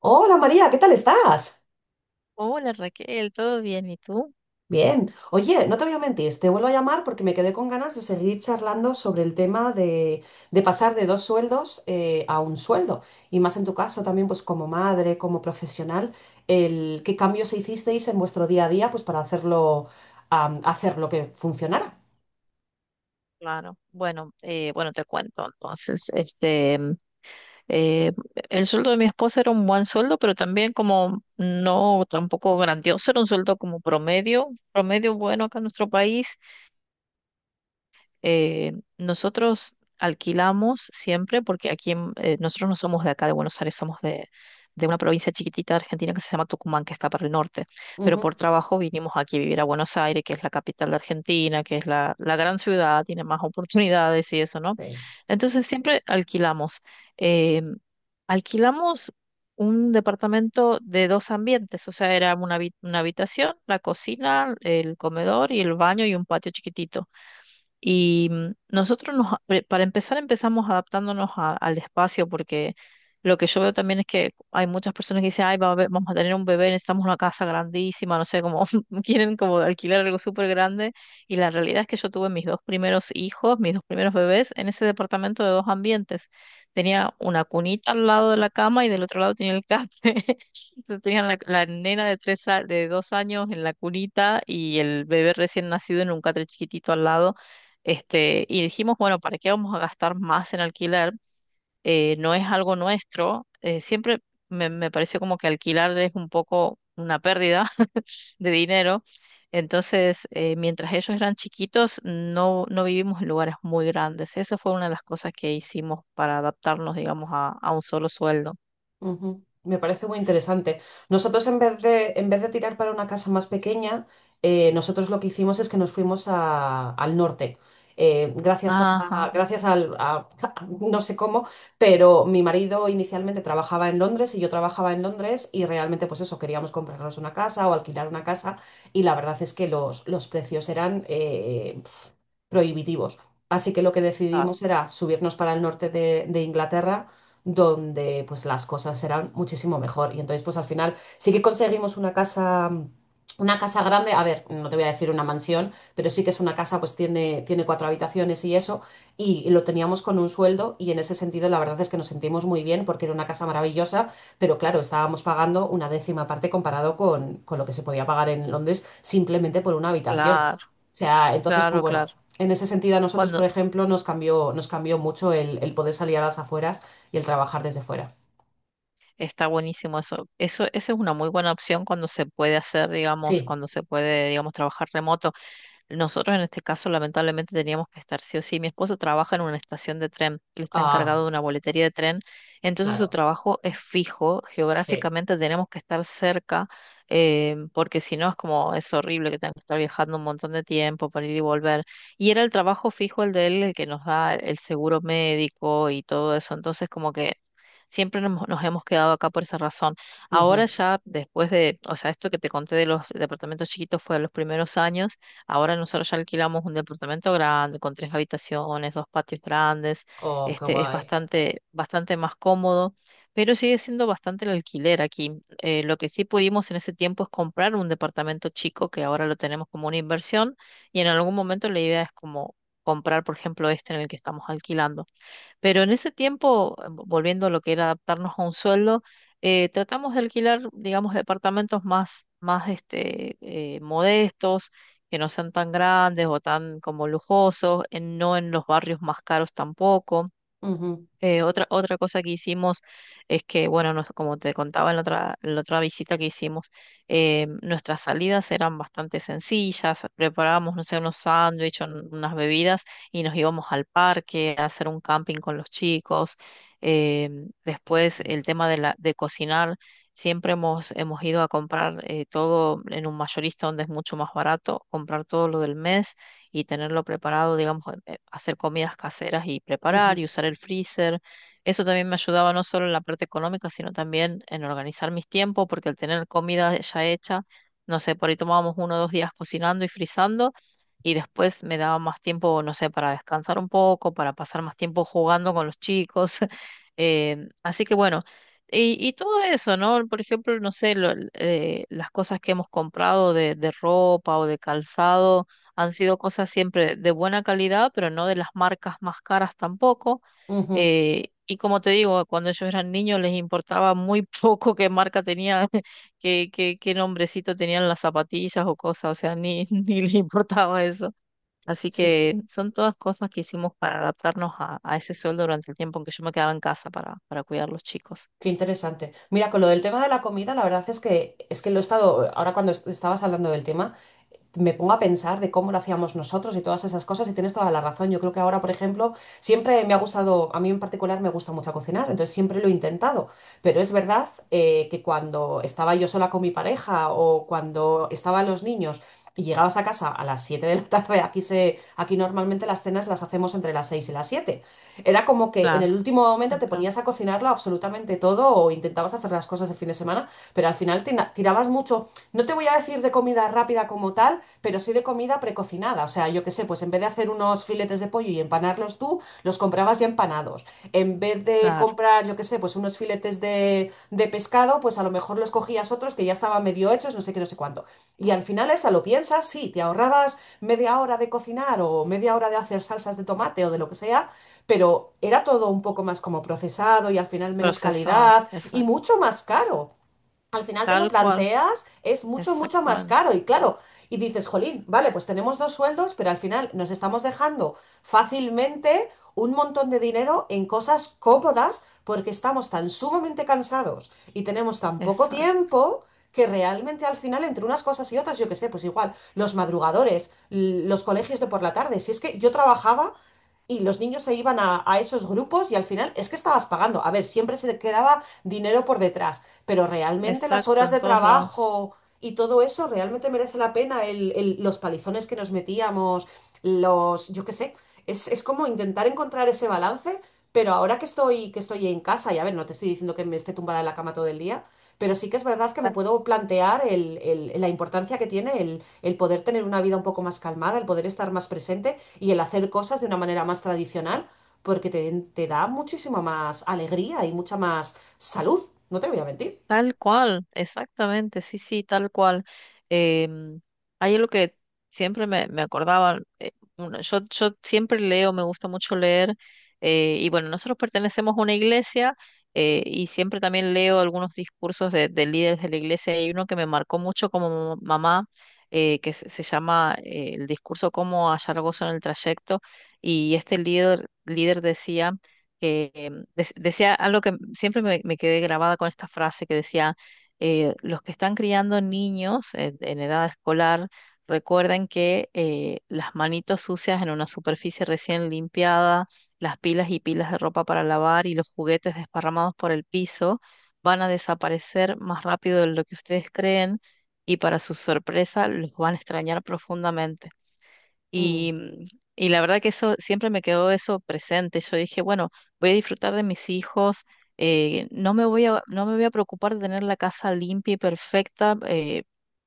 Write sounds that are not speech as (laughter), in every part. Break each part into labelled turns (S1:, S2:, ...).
S1: Hola María, ¿qué tal estás?
S2: Hola Raquel, ¿todo bien? ¿Y tú?
S1: Bien. Oye, no te voy a mentir, te vuelvo a llamar porque me quedé con ganas de seguir charlando sobre el tema de pasar de dos sueldos a un sueldo. Y más en tu caso también, pues como madre, como profesional, ¿qué cambios hicisteis en vuestro día a día pues para hacer lo que funcionara?
S2: Claro. Bueno, te cuento entonces. Este, eh, el sueldo de mi esposa era un buen sueldo, pero también como no tampoco grandioso, era un sueldo como promedio, promedio bueno acá en nuestro país. Nosotros alquilamos siempre, porque aquí nosotros no somos de acá de Buenos Aires, somos de una provincia chiquitita de Argentina que se llama Tucumán, que está para el norte, pero
S1: Ujú,
S2: por trabajo vinimos aquí a vivir a Buenos Aires, que es la capital de Argentina, que es la gran ciudad, tiene más oportunidades y eso, ¿no?
S1: sí.
S2: Entonces siempre alquilamos. Eh, Alquilamos un departamento de dos ambientes, o sea, era una habitación, la cocina, el comedor y el baño y un patio chiquitito. Y nosotros, para empezar, empezamos adaptándonos al espacio, porque lo que yo veo también es que hay muchas personas que dicen, ay, vamos a tener un bebé, necesitamos una casa grandísima, no sé, como (laughs) quieren como alquilar algo súper grande. Y la realidad es que yo tuve mis dos primeros hijos, mis dos primeros bebés, en ese departamento de dos ambientes. Tenía una cunita al lado de la cama y del otro lado tenía el café. (laughs) Entonces tenían la, la nena de dos años en la cunita y el bebé recién nacido en un catre chiquitito al lado. Este, y dijimos, bueno, ¿para qué vamos a gastar más en alquiler? No es algo nuestro. Siempre me pareció como que alquilar es un poco una pérdida (laughs) de dinero. Entonces, mientras ellos eran chiquitos, no, no vivimos en lugares muy grandes. Esa fue una de las cosas que hicimos para adaptarnos, digamos, a un solo sueldo.
S1: Ujú. Me parece muy interesante. Nosotros en vez de tirar para una casa más pequeña, nosotros lo que hicimos es que nos fuimos al norte. Eh, gracias a,
S2: Ajá,
S1: gracias al, a- (laughs) no sé cómo, pero mi marido inicialmente trabajaba en Londres y yo trabajaba en Londres y realmente pues eso, queríamos comprarnos una casa o alquilar una casa y la verdad es que los precios eran prohibitivos. Así que lo que
S2: ah,
S1: decidimos era subirnos para el norte de Inglaterra, donde pues las cosas eran muchísimo mejor. Y entonces pues al final sí que conseguimos una casa grande, a ver, no te voy a decir una mansión, pero sí que es una casa, pues tiene cuatro habitaciones y eso, y lo teníamos con un sueldo y en ese sentido la verdad es que nos sentimos muy bien porque era una casa maravillosa, pero claro, estábamos pagando una décima parte comparado con lo que se podía pagar en Londres simplemente por una habitación.
S2: claro,
S1: O sea, entonces, pues
S2: claro,
S1: bueno,
S2: claro.
S1: en ese sentido a nosotros, por
S2: Cuando
S1: ejemplo, nos cambió mucho el poder salir a las afueras y el trabajar desde fuera.
S2: está buenísimo eso. Eso es una muy buena opción cuando se puede hacer, digamos,
S1: Sí,
S2: cuando se puede, digamos, trabajar remoto. Nosotros en este caso lamentablemente teníamos que estar sí o sí. Mi esposo trabaja en una estación de tren, él está
S1: ah,
S2: encargado de una boletería de tren, entonces su
S1: claro,
S2: trabajo es fijo,
S1: sí.
S2: geográficamente tenemos que estar cerca, porque si no es como, es horrible que tenga que estar viajando un montón de tiempo para ir y volver. Y era el trabajo fijo el de él, el que nos da el seguro médico y todo eso, entonces como que... Siempre nos hemos quedado acá por esa razón. Ahora
S1: Ujú.
S2: ya, después de, o sea, esto que te conté de los departamentos chiquitos fue de los primeros años. Ahora nosotros ya alquilamos un departamento grande, con tres habitaciones, dos patios grandes,
S1: Oh, qué
S2: este, es
S1: guay.
S2: bastante, bastante más cómodo, pero sigue siendo bastante el alquiler aquí. Lo que sí pudimos en ese tiempo es comprar un departamento chico, que ahora lo tenemos como una inversión, y en algún momento la idea es como comprar, por ejemplo, este en el que estamos alquilando. Pero en ese tiempo, volviendo a lo que era adaptarnos a un sueldo, tratamos de alquilar, digamos, departamentos más este, modestos, que no sean tan grandes o tan como lujosos, no en los barrios más caros tampoco.
S1: Ujú,
S2: Otra cosa que hicimos es que, bueno, como te contaba en la otra visita que hicimos, nuestras salidas eran bastante sencillas, preparábamos, no sé, unos sándwiches, unas bebidas y nos íbamos al parque a hacer un camping con los chicos. Eh, Después el tema de cocinar, siempre hemos ido a comprar todo en un mayorista donde es mucho más barato, comprar todo lo del mes y tenerlo preparado, digamos, hacer comidas caseras y preparar y
S1: ujú,
S2: usar el freezer. Eso también me ayudaba no solo en la parte económica, sino también en organizar mis tiempos, porque al tener comida ya hecha, no sé, por ahí tomábamos uno o dos días cocinando y frizando y después me daba más tiempo, no sé, para descansar un poco, para pasar más tiempo jugando con los chicos. (laughs) Eh, Así que bueno, y todo eso, ¿no? Por ejemplo, no sé, las cosas que hemos comprado de ropa o de calzado han sido cosas siempre de buena calidad, pero no de las marcas más caras tampoco.
S1: ujú.
S2: Y como te digo, cuando ellos eran niños les importaba muy (laughs) poco qué marca tenía, (laughs) qué nombrecito tenían las zapatillas o cosas, o sea, ni, (laughs) ni les importaba eso. Así
S1: Sí,
S2: que son todas cosas que hicimos para adaptarnos a ese sueldo durante el tiempo en que yo me quedaba en casa para cuidar los chicos.
S1: qué interesante. Mira, con lo del tema de la comida, la verdad es que lo he estado, ahora cuando estabas hablando del tema, me pongo a pensar de cómo lo hacíamos nosotros y todas esas cosas y tienes toda la razón. Yo creo que ahora, por ejemplo, siempre me ha gustado, a mí en particular me gusta mucho cocinar, entonces siempre lo he intentado, pero es verdad que cuando estaba yo sola con mi pareja o cuando estaban los niños y llegabas a casa a las 7 de la tarde, aquí normalmente las cenas las hacemos entre las 6 y las 7. Era como que en
S2: Claro,
S1: el último momento te
S2: temprano,
S1: ponías a cocinarlo absolutamente todo o intentabas hacer las cosas el fin de semana, pero al final tirabas mucho. No te voy a decir de comida rápida como tal, pero sí de comida precocinada. O sea, yo qué sé, pues en vez de hacer unos filetes de pollo y empanarlos tú, los comprabas ya empanados. En vez de
S2: claro,
S1: comprar, yo qué sé, pues unos filetes de pescado, pues a lo mejor los cogías otros que ya estaban medio hechos, no sé qué, no sé cuánto. Y al final esa lo piensas, sí, te ahorrabas media hora de cocinar o media hora de hacer salsas de tomate o de lo que sea, pero era todo un poco más como procesado y al final menos
S2: procesado,
S1: calidad y
S2: exacto,
S1: mucho más caro. Al final te lo
S2: tal cual,
S1: planteas, es mucho, mucho más
S2: exactamente,
S1: caro y claro, y dices, jolín, vale, pues tenemos dos sueldos, pero al final nos estamos dejando fácilmente un montón de dinero en cosas cómodas porque estamos tan sumamente cansados y tenemos tan poco
S2: exacto.
S1: tiempo que realmente al final entre unas cosas y otras, yo qué sé, pues igual, los madrugadores, los colegios de por la tarde, si es que yo trabajaba y los niños se iban a esos grupos y al final es que estabas pagando. A ver, siempre se te quedaba dinero por detrás, pero realmente las
S2: Exacto,
S1: horas
S2: en
S1: de
S2: todos lados.
S1: trabajo y todo eso realmente merece la pena los palizones que nos metíamos, los, yo qué sé, es como intentar encontrar ese balance, pero ahora que estoy en casa, y a ver, no te estoy diciendo que me esté tumbada en la cama todo el día, pero sí que es verdad que me puedo plantear la importancia que tiene el poder tener una vida un poco más calmada, el poder estar más presente y el hacer cosas de una manera más tradicional, porque te da muchísima más alegría y mucha más salud, no te voy a mentir.
S2: Tal cual, exactamente, sí, sí, tal cual. Em, Hay algo que siempre me acordaba, bueno, yo siempre leo, me gusta mucho leer, y bueno, nosotros pertenecemos a una iglesia y siempre también leo algunos discursos de líderes de la iglesia. Hay uno que me marcó mucho como mamá, que se llama el discurso Cómo hallar gozo en el trayecto, y este líder decía que decía algo que siempre me quedé grabada con esta frase que decía, los que están criando niños en edad escolar, recuerden que las manitos sucias en una superficie recién limpiada, las pilas y pilas de ropa para lavar y los juguetes desparramados por el piso van a desaparecer más rápido de lo que ustedes creen y para su sorpresa los van a extrañar profundamente.
S1: Mm.
S2: Y, y la verdad que eso siempre me quedó eso presente. Yo dije, bueno, voy a disfrutar de mis hijos, no me voy a, no me voy a preocupar de tener la casa limpia y perfecta,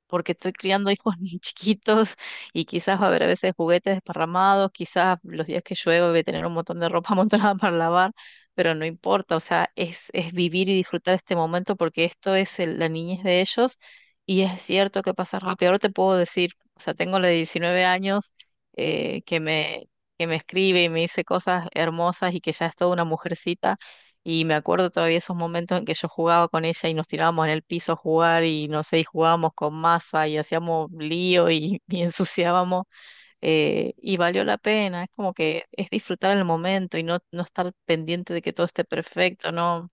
S2: porque estoy criando hijos (laughs) muy chiquitos y quizás va a haber a veces juguetes desparramados, quizás los días que llueve voy a tener un montón de ropa (laughs) amontonada para lavar, pero no importa, o sea, es vivir y disfrutar este momento porque esto es la niñez de ellos. Y es cierto que pasa rápido. Ahora te puedo decir, o sea, tengo la de 19 años eh, que me, que me escribe y me dice cosas hermosas y que ya es toda una mujercita. Y me acuerdo todavía esos momentos en que yo jugaba con ella y nos tirábamos en el piso a jugar y no sé, y jugábamos con masa y hacíamos lío y, (laughs) y ensuciábamos. Eh, y valió la pena, es como que es disfrutar el momento y no estar pendiente de que todo esté perfecto, no,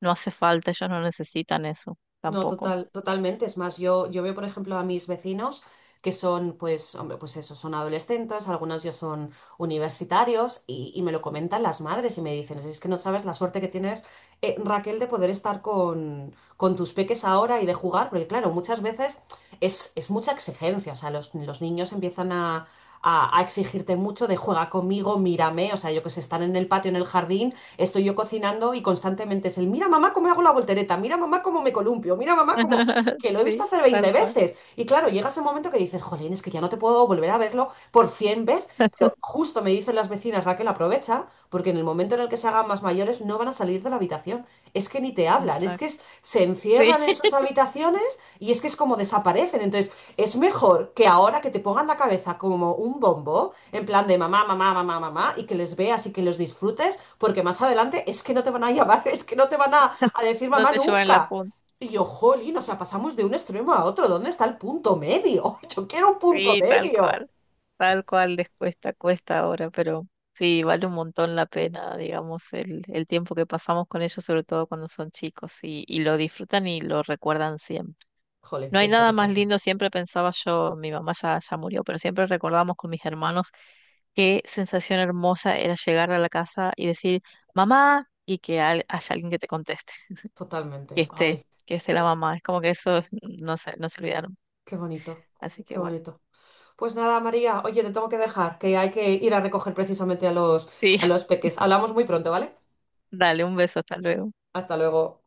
S2: no hace falta, ellos no necesitan eso
S1: No,
S2: tampoco.
S1: total, totalmente. Es más, yo veo, por ejemplo, a mis vecinos que son, pues, hombre, pues eso, son adolescentes, algunos ya son universitarios y me lo comentan las madres y me dicen, es que no sabes la suerte que tienes, Raquel, de poder estar con tus peques ahora y de jugar, porque claro, muchas veces es mucha exigencia, o sea, los niños empiezan a exigirte mucho de juega conmigo, mírame, o sea, yo que sé, están en el patio, en el jardín, estoy yo cocinando y constantemente es mira mamá cómo hago la voltereta, mira mamá cómo me columpio, mira mamá cómo...
S2: (laughs)
S1: que lo he visto
S2: Sí,
S1: hacer 20
S2: tal cual.
S1: veces. Y claro, llega ese momento que dices, jolín, es que ya no te puedo volver a verlo por 100 veces, pero justo me dicen las vecinas, Raquel, aprovecha, porque en el momento en el que se hagan más mayores no van a salir de la habitación. Es que ni te hablan, es que
S2: Exacto.
S1: se
S2: Sí,
S1: encierran en sus
S2: (laughs)
S1: habitaciones y es que es como desaparecen. Entonces, es mejor que ahora que te pongan la cabeza como un bombo, en plan de mamá, mamá, mamá, mamá, y que les veas y que los disfrutes, porque más adelante es que no te van a llamar, (laughs) es que no te van a decir
S2: no
S1: mamá
S2: te llevan la
S1: nunca.
S2: punta.
S1: Y yo, jolín, o sea, pasamos de un extremo a otro. ¿Dónde está el punto medio? (laughs) Yo quiero un punto
S2: Sí,
S1: medio.
S2: tal cual les cuesta, cuesta ahora, pero sí, vale un montón la pena, digamos, el tiempo que pasamos con ellos, sobre todo cuando son chicos, y lo disfrutan y lo recuerdan siempre.
S1: Jolín,
S2: No
S1: qué
S2: hay nada más
S1: interesante.
S2: lindo, siempre pensaba yo, mi mamá ya murió, pero siempre recordamos con mis hermanos qué sensación hermosa era llegar a la casa y decir, mamá, y que haya alguien que te conteste, que
S1: Totalmente. Ay,
S2: esté, que esté la mamá. Es como que eso no se olvidaron.
S1: qué bonito,
S2: Así que
S1: qué
S2: bueno,
S1: bonito. Pues nada, María, oye, te tengo que dejar, que hay que ir a recoger precisamente a los,
S2: sí,
S1: a
S2: (laughs)
S1: los peques. Hablamos muy pronto, ¿vale?
S2: dale un beso, hasta luego.
S1: Hasta luego.